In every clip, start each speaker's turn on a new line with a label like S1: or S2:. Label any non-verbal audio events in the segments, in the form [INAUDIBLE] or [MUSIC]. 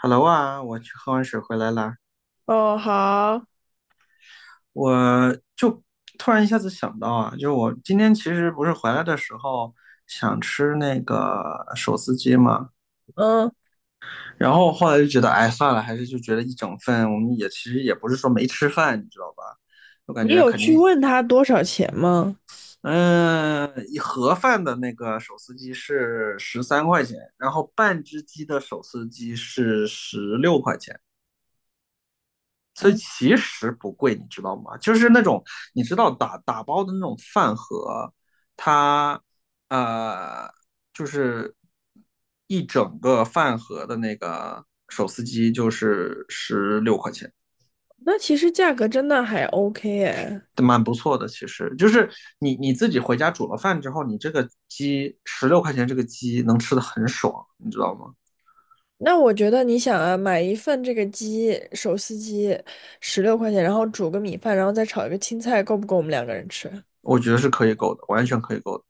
S1: Hello 啊，我去喝完水回来啦，
S2: 哦，好，
S1: 我就突然一下子想到啊，就是我今天其实不是回来的时候想吃那个手撕鸡嘛。
S2: 嗯
S1: 然后后来就觉得，哎，算了，还是就觉得一整份，我们也其实也不是说没吃饭，你知道吧？我感
S2: 你
S1: 觉
S2: 有
S1: 肯
S2: 去
S1: 定。
S2: 问他多少钱吗？
S1: 嗯，一盒饭的那个手撕鸡是13块钱，然后半只鸡的手撕鸡是十六块钱。所以
S2: 嗯，
S1: 其实不贵，你知道吗？就是那种你知道打包的那种饭盒，它呃就是一整个饭盒的那个手撕鸡就是十六块钱，
S2: 那其实价格真的还 OK 哎。
S1: 蛮不错的。其实就是你自己回家煮了饭之后，你这个鸡十六块钱，这个鸡能吃的很爽，你知道吗？
S2: 那我觉得你想啊，买一份这个鸡手撕鸡，16块钱，然后煮个米饭，然后再炒一个青菜，够不够我们两个人吃？
S1: 我觉得是可以够的，完全可以够的。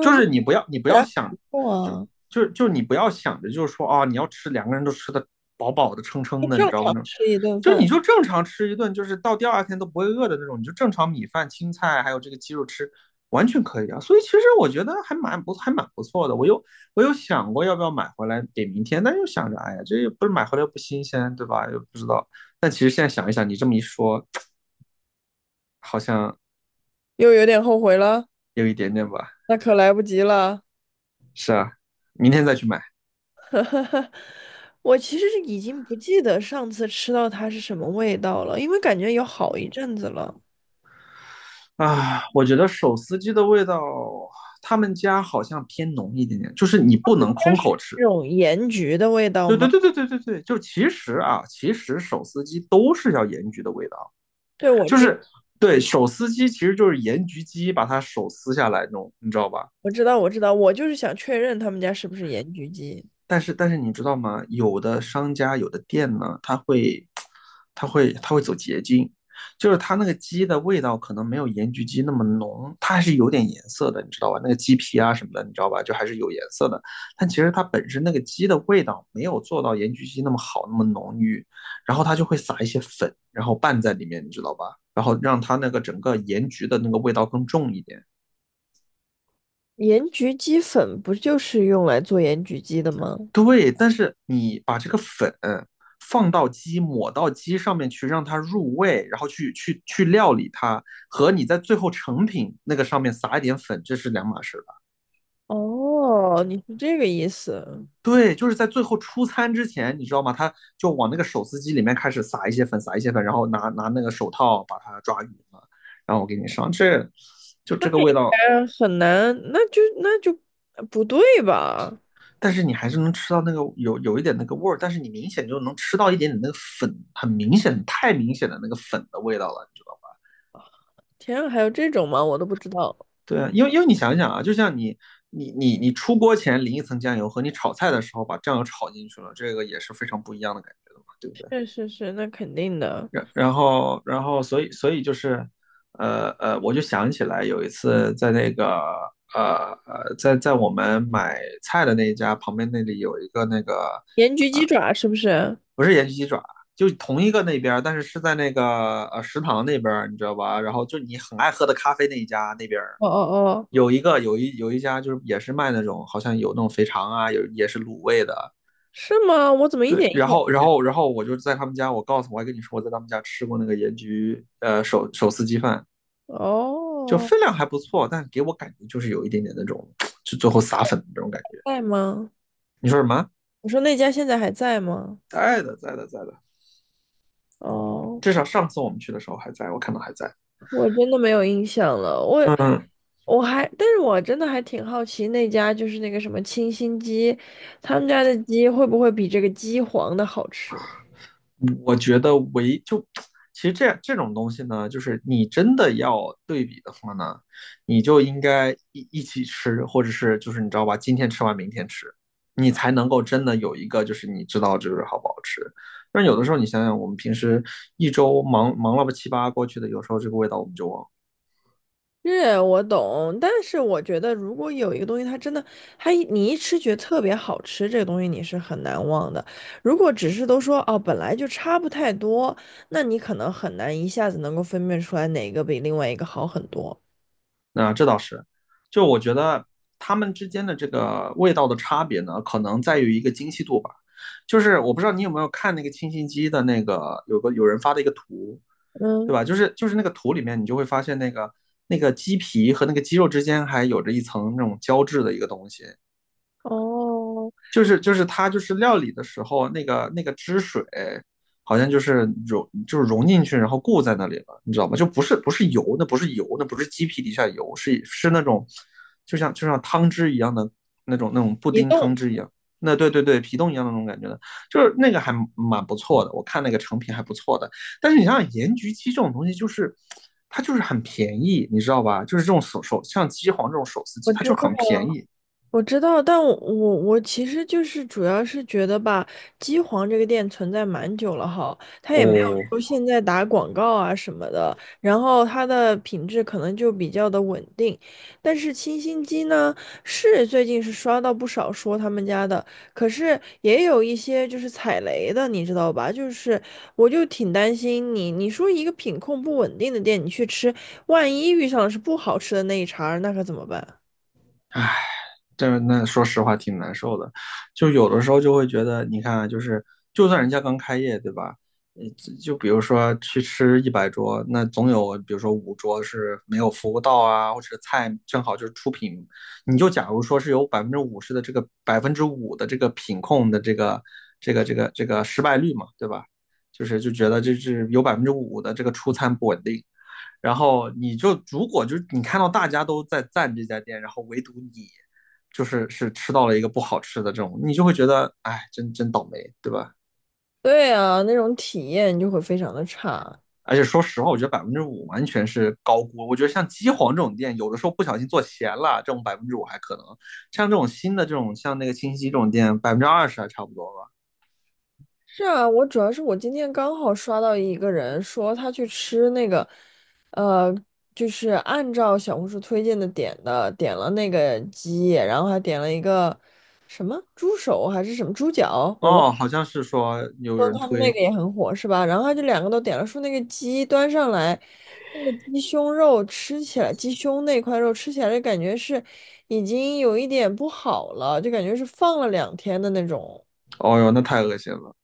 S1: 就
S2: 那看
S1: 是你不要你不
S2: 起
S1: 要
S2: 来很
S1: 想，
S2: 不错
S1: 就
S2: 啊，
S1: 就你不要想着就是说啊，你要吃两个人都吃的饱饱的撑
S2: 就
S1: 撑的，你知
S2: 正
S1: 道
S2: 常
S1: 吗？
S2: 吃一顿
S1: 就你
S2: 饭。
S1: 就正常吃一顿，就是到第二天都不会饿的那种，你就正常米饭、青菜还有这个鸡肉吃，完全可以啊。所以其实我觉得还蛮不错的。我又想过要不要买回来给明天，但又想着，哎呀，这又不是买回来又不新鲜，对吧？又不知道。但其实现在想一想，你这么一说，好像
S2: 又有点后悔了，
S1: 有一点点吧。
S2: 那可来不及了。
S1: 是啊，明天再去买。
S2: [LAUGHS] 哈哈，我其实是已经不记得上次吃到它是什么味道了，因为感觉有好一阵子了。
S1: 啊，我觉得手撕鸡的味道，他们家好像偏浓一点点，就是你不能
S2: 它
S1: 空
S2: 是
S1: 口吃。
S2: 那种盐焗的味道
S1: 对
S2: 吗？
S1: 对对对对对对，就其实啊，其实手撕鸡都是要盐焗的味道，
S2: 对，我
S1: 就
S2: 知
S1: 是对手撕鸡其实就是盐焗鸡把它手撕下来那种，你知道吧？
S2: 我知道我知道，我就是想确认他们家是不是盐焗鸡。
S1: 但是你知道吗？有的商家有的店呢，它会走捷径，就是它那个鸡的味道可能没有盐焗鸡那么浓，它还是有点颜色的，你知道吧？那个鸡皮啊什么的，你知道吧？就还是有颜色的。但其实它本身那个鸡的味道没有做到盐焗鸡那么好，那么浓郁，然后它就会撒一些粉，然后拌在里面，你知道吧？然后让它那个整个盐焗的那个味道更重一点。
S2: 盐焗鸡粉不就是用来做盐焗鸡的吗？
S1: 对，但是你把这个粉放到鸡，抹到鸡上面去，让它入味，然后去料理它，和你在最后成品那个上面撒一点粉，这是两码事吧？
S2: 哦，你是这个意思。
S1: 对，就是在最后出餐之前，你知道吗？他就往那个手撕鸡里面开始撒一些粉，撒一些粉，然后拿那个手套把它抓匀了，然后我给你上，这就
S2: 那
S1: 这个味
S2: 应
S1: 道。
S2: 该很难，那就不对吧？
S1: 但是你还是能吃到那个有一点那个味儿，但是你明显就能吃到一点点那个粉，很明显、太明显的那个粉的味道了，你知道吗？
S2: 天啊，还有这种吗？我都不知道。
S1: 对啊，因为你想想啊，就像你出锅前淋一层酱油，和你炒菜的时候把酱油炒进去了，这个也是非常不一样的感觉的嘛，对不对？
S2: 确实是，那肯定的。
S1: 然后所以就是，我就想起来有一次在那个在我们买菜的那一家旁边那里有一个那个
S2: 盐焗鸡爪是不是？
S1: 不是盐焗鸡爪，就同一个那边儿，但是是在那个食堂那边儿，你知道吧？然后就你很爱喝的咖啡那一家那边儿
S2: 哦哦哦，
S1: 有一个有一有一家就是也是卖那种好像有那种肥肠啊，有也是卤味的。
S2: 是吗？我怎么一
S1: 对，
S2: 点印
S1: 然
S2: 象？
S1: 后然后然后我就在他们家，我告诉我还跟你说我在他们家吃过那个盐焗手撕鸡饭，就
S2: 哦，
S1: 分量还不错，但给我感觉就是有一点点那种就最后撒粉的那种感觉。
S2: 在吗？
S1: 你说什么？
S2: 我说那家现在还在吗？
S1: 在的，在的，在的。
S2: 哦，
S1: 至少上次我们去的时候还在，我看到还在。
S2: 我真的没有印象了。我
S1: 嗯，
S2: 我还，但是我真的还挺好奇那家就是那个什么清新鸡，他们家的鸡会不会比这个鸡皇的好吃？
S1: 我觉得就 [TSK] 其实这种东西呢，就是你真的要对比的话呢，你就应该一起吃，或者是就是你知道吧，今天吃完明天吃，你才能够真的有一个就是你知道就是好不好吃。但是有的时候你想想，我们平时一周忙忙了吧七八过去的，有时候这个味道我们就忘了。
S2: 是我懂，但是我觉得如果有一个东西它真的，你一吃觉得特别好吃，这个东西你是很难忘的。如果只是都说哦本来就差不太多，那你可能很难一下子能够分辨出来哪个比另外一个好很多。
S1: 那这倒是，就我觉得他们之间的这个味道的差别呢，可能在于一个精细度吧。就是我不知道你有没有看那个清新鸡的那个有人发的一个图，对
S2: 嗯，
S1: 吧？就是那个图里面，你就会发现那个那个鸡皮和那个鸡肉之间还有着一层那种胶质的一个东西，
S2: 哦，
S1: 就是它就是料理的时候那个汁水好像就是融进去，然后固在那里了，你知道吗？就不是油，那不是油，那不是鸡皮底下油，是那种就像汤汁一样的那种布
S2: 移
S1: 丁汤
S2: 动，
S1: 汁一样。那对对对，皮冻一样的那种感觉的，就是那个还蛮不错的，我看那个成品还不错的。但是你想想，盐焗鸡这种东西，就是它就是很便宜，你知道吧？就是这种像鸡皇这种手撕
S2: 我
S1: 鸡，它
S2: 知
S1: 就
S2: 道。
S1: 很便宜
S2: 我知道，但我其实就是主要是觉得吧，机皇这个店存在蛮久了哈，它
S1: 哦。
S2: 也没有说现在打广告啊什么的，然后它的品质可能就比较的稳定。但是清新鸡呢，是最近是刷到不少说他们家的，可是也有一些就是踩雷的，你知道吧？就是我就挺担心你，你说一个品控不稳定的店，你去吃，万一遇上的是不好吃的那一茬儿，那可怎么办？
S1: 那说实话挺难受的，就有的时候就会觉得，你看啊就是就算人家刚开业，对吧？就比如说去吃100桌，那总有比如说五桌是没有服务到啊，或者菜正好就是出品，你就假如说是有百分之五的这个品控的这个失败率嘛，对吧？就是觉得这是有百分之五的这个出餐不稳定，然后你就如果就是你看到大家都在赞这家店，然后唯独你就是是吃到了一个不好吃的这种，你就会觉得哎，真倒霉，对吧？
S2: 对啊，那种体验就会非常的差。
S1: 而且说实话，我觉得百分之五完全是高估。我觉得像鸡皇这种店，有的时候不小心做咸了，这种百分之五还可能；像这种新的这种，像那个清溪这种店，20%还差不多吧。
S2: 是啊，我主要是我今天刚好刷到一个人说他去吃那个，呃，就是按照小红书推荐的点的，点了那个鸡，然后还点了一个什么猪手还是什么猪脚，我忘。
S1: 哦，好像是说有
S2: 说
S1: 人
S2: 他们那
S1: 推，
S2: 个也很火是吧？然后他就两个都点了，说那个鸡端上来，那个鸡胸肉吃起来，鸡胸那块肉吃起来就感觉是已经有一点不好了，就感觉是放了2天的那种。
S1: 哦哟，那太恶心了。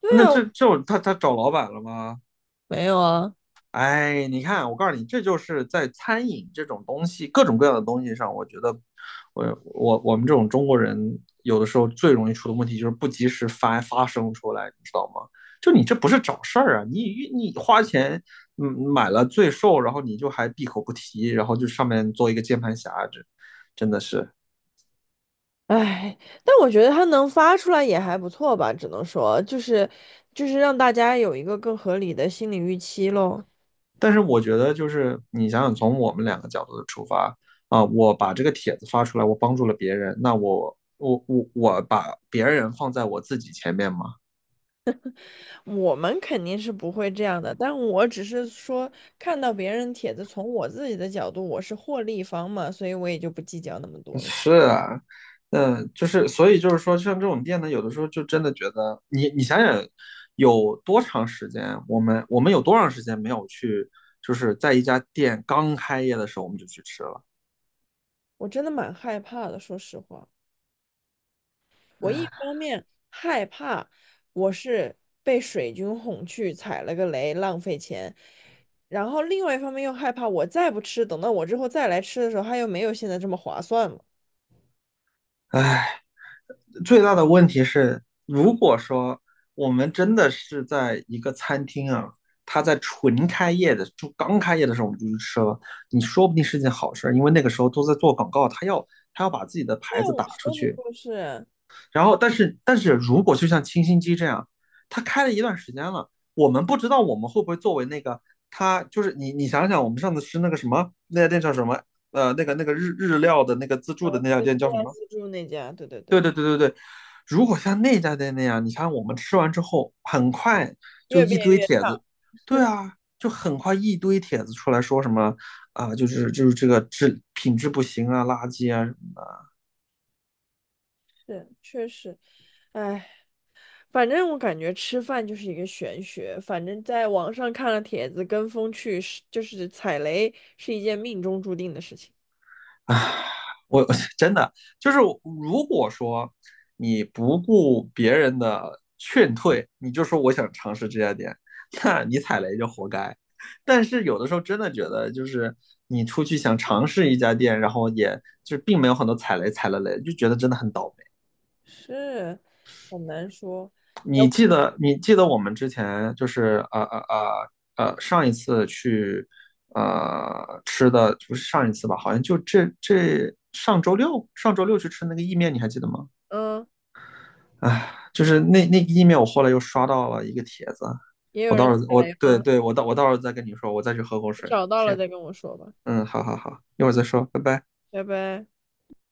S2: 对
S1: 那
S2: 啊，
S1: 这这种他找老板了吗？
S2: 没有啊。
S1: 哎，你看，我告诉你，这就是在餐饮这种东西，各种各样的东西上，我觉得我们这种中国人有的时候最容易出的问题就是不及时发声出来，你知道吗？就你这不是找事儿啊，你花钱买了罪受，然后你就还闭口不提，然后就上面做一个键盘侠，这真的是。
S2: 唉，但我觉得他能发出来也还不错吧，只能说就是让大家有一个更合理的心理预期喽。
S1: 但是我觉得，就是你想想，从我们两个角度的出发啊，我把这个帖子发出来，我帮助了别人，那我把别人放在我自己前面吗？
S2: 我们肯定是不会这样的，但我只是说看到别人帖子，从我自己的角度，我是获利方嘛，所以我也就不计较那么
S1: [LAUGHS]
S2: 多了。
S1: 是啊，嗯，就是所以就是说，像这种店呢，有的时候就真的觉得，你你想想，有多长时间，我们有多长时间没有去，就是在一家店刚开业的时候我们就去吃了，
S2: 我真的蛮害怕的，说实话，我一
S1: 唉。
S2: 方面害怕我是被水军哄去踩了个雷，浪费钱，然后另外一方面又害怕我再不吃，等到我之后再来吃的时候，它又没有现在这么划算嘛。
S1: 最大的问题是，如果说我们真的是在一个餐厅啊，它在纯开业的，就刚开业的时候我们就去吃了，你说不定是件好事因为那个时候都在做广告，他要把自己的
S2: 对
S1: 牌
S2: 啊，
S1: 子
S2: 我
S1: 打出
S2: 说的
S1: 去。
S2: 就是。
S1: 然后，但是如果就像清新鸡这样，他开了一段时间了，我们不知道我们会不会作为那个他，就是你你想想，我们上次吃那个什么那家店叫什么？呃，那个日料的那个自助的
S2: 嗯，
S1: 那家
S2: 对，
S1: 店叫什么？
S2: 自助那家，对对
S1: 对
S2: 对，
S1: 对对对对，如果像那家店那样，你看我们吃完之后，很快就
S2: 越
S1: 一
S2: 变
S1: 堆
S2: 越
S1: 帖
S2: 差，
S1: 子，对啊，就很快一堆帖子出来说什么啊、就是这个品质不行啊，垃圾啊什么
S2: 是确实。哎，反正我感觉吃饭就是一个玄学。反正在网上看了帖子，跟风去就是踩雷是一件命中注定的事情，
S1: 啊，我 [LAUGHS] 真的就是，如果说你不顾别人的劝退，你就说我想尝试这家店，[LAUGHS] 那你踩雷就活该。但是有的时候真的觉得，就是你出去想尝试一家店，然后也就并没有很多踩雷，踩了雷就觉得真的很倒
S2: 是很难说。哎，
S1: 你记得你记得我们之前就是上一次去吃的不是上一次吧？好像就这上周六去吃那个意面，你还记得吗？
S2: 嗯，
S1: 哎，就是那个意面，我后来又刷到了一个帖子，
S2: 也有
S1: 我
S2: 人
S1: 到时候
S2: 踩
S1: 我
S2: 雷
S1: 对
S2: 吗？
S1: 对，我到时候再跟你说，我再去喝口
S2: 你
S1: 水。
S2: 找到了
S1: 行，
S2: 再跟我说吧，
S1: 嗯，好好好，一会儿再说，拜拜。
S2: 拜拜。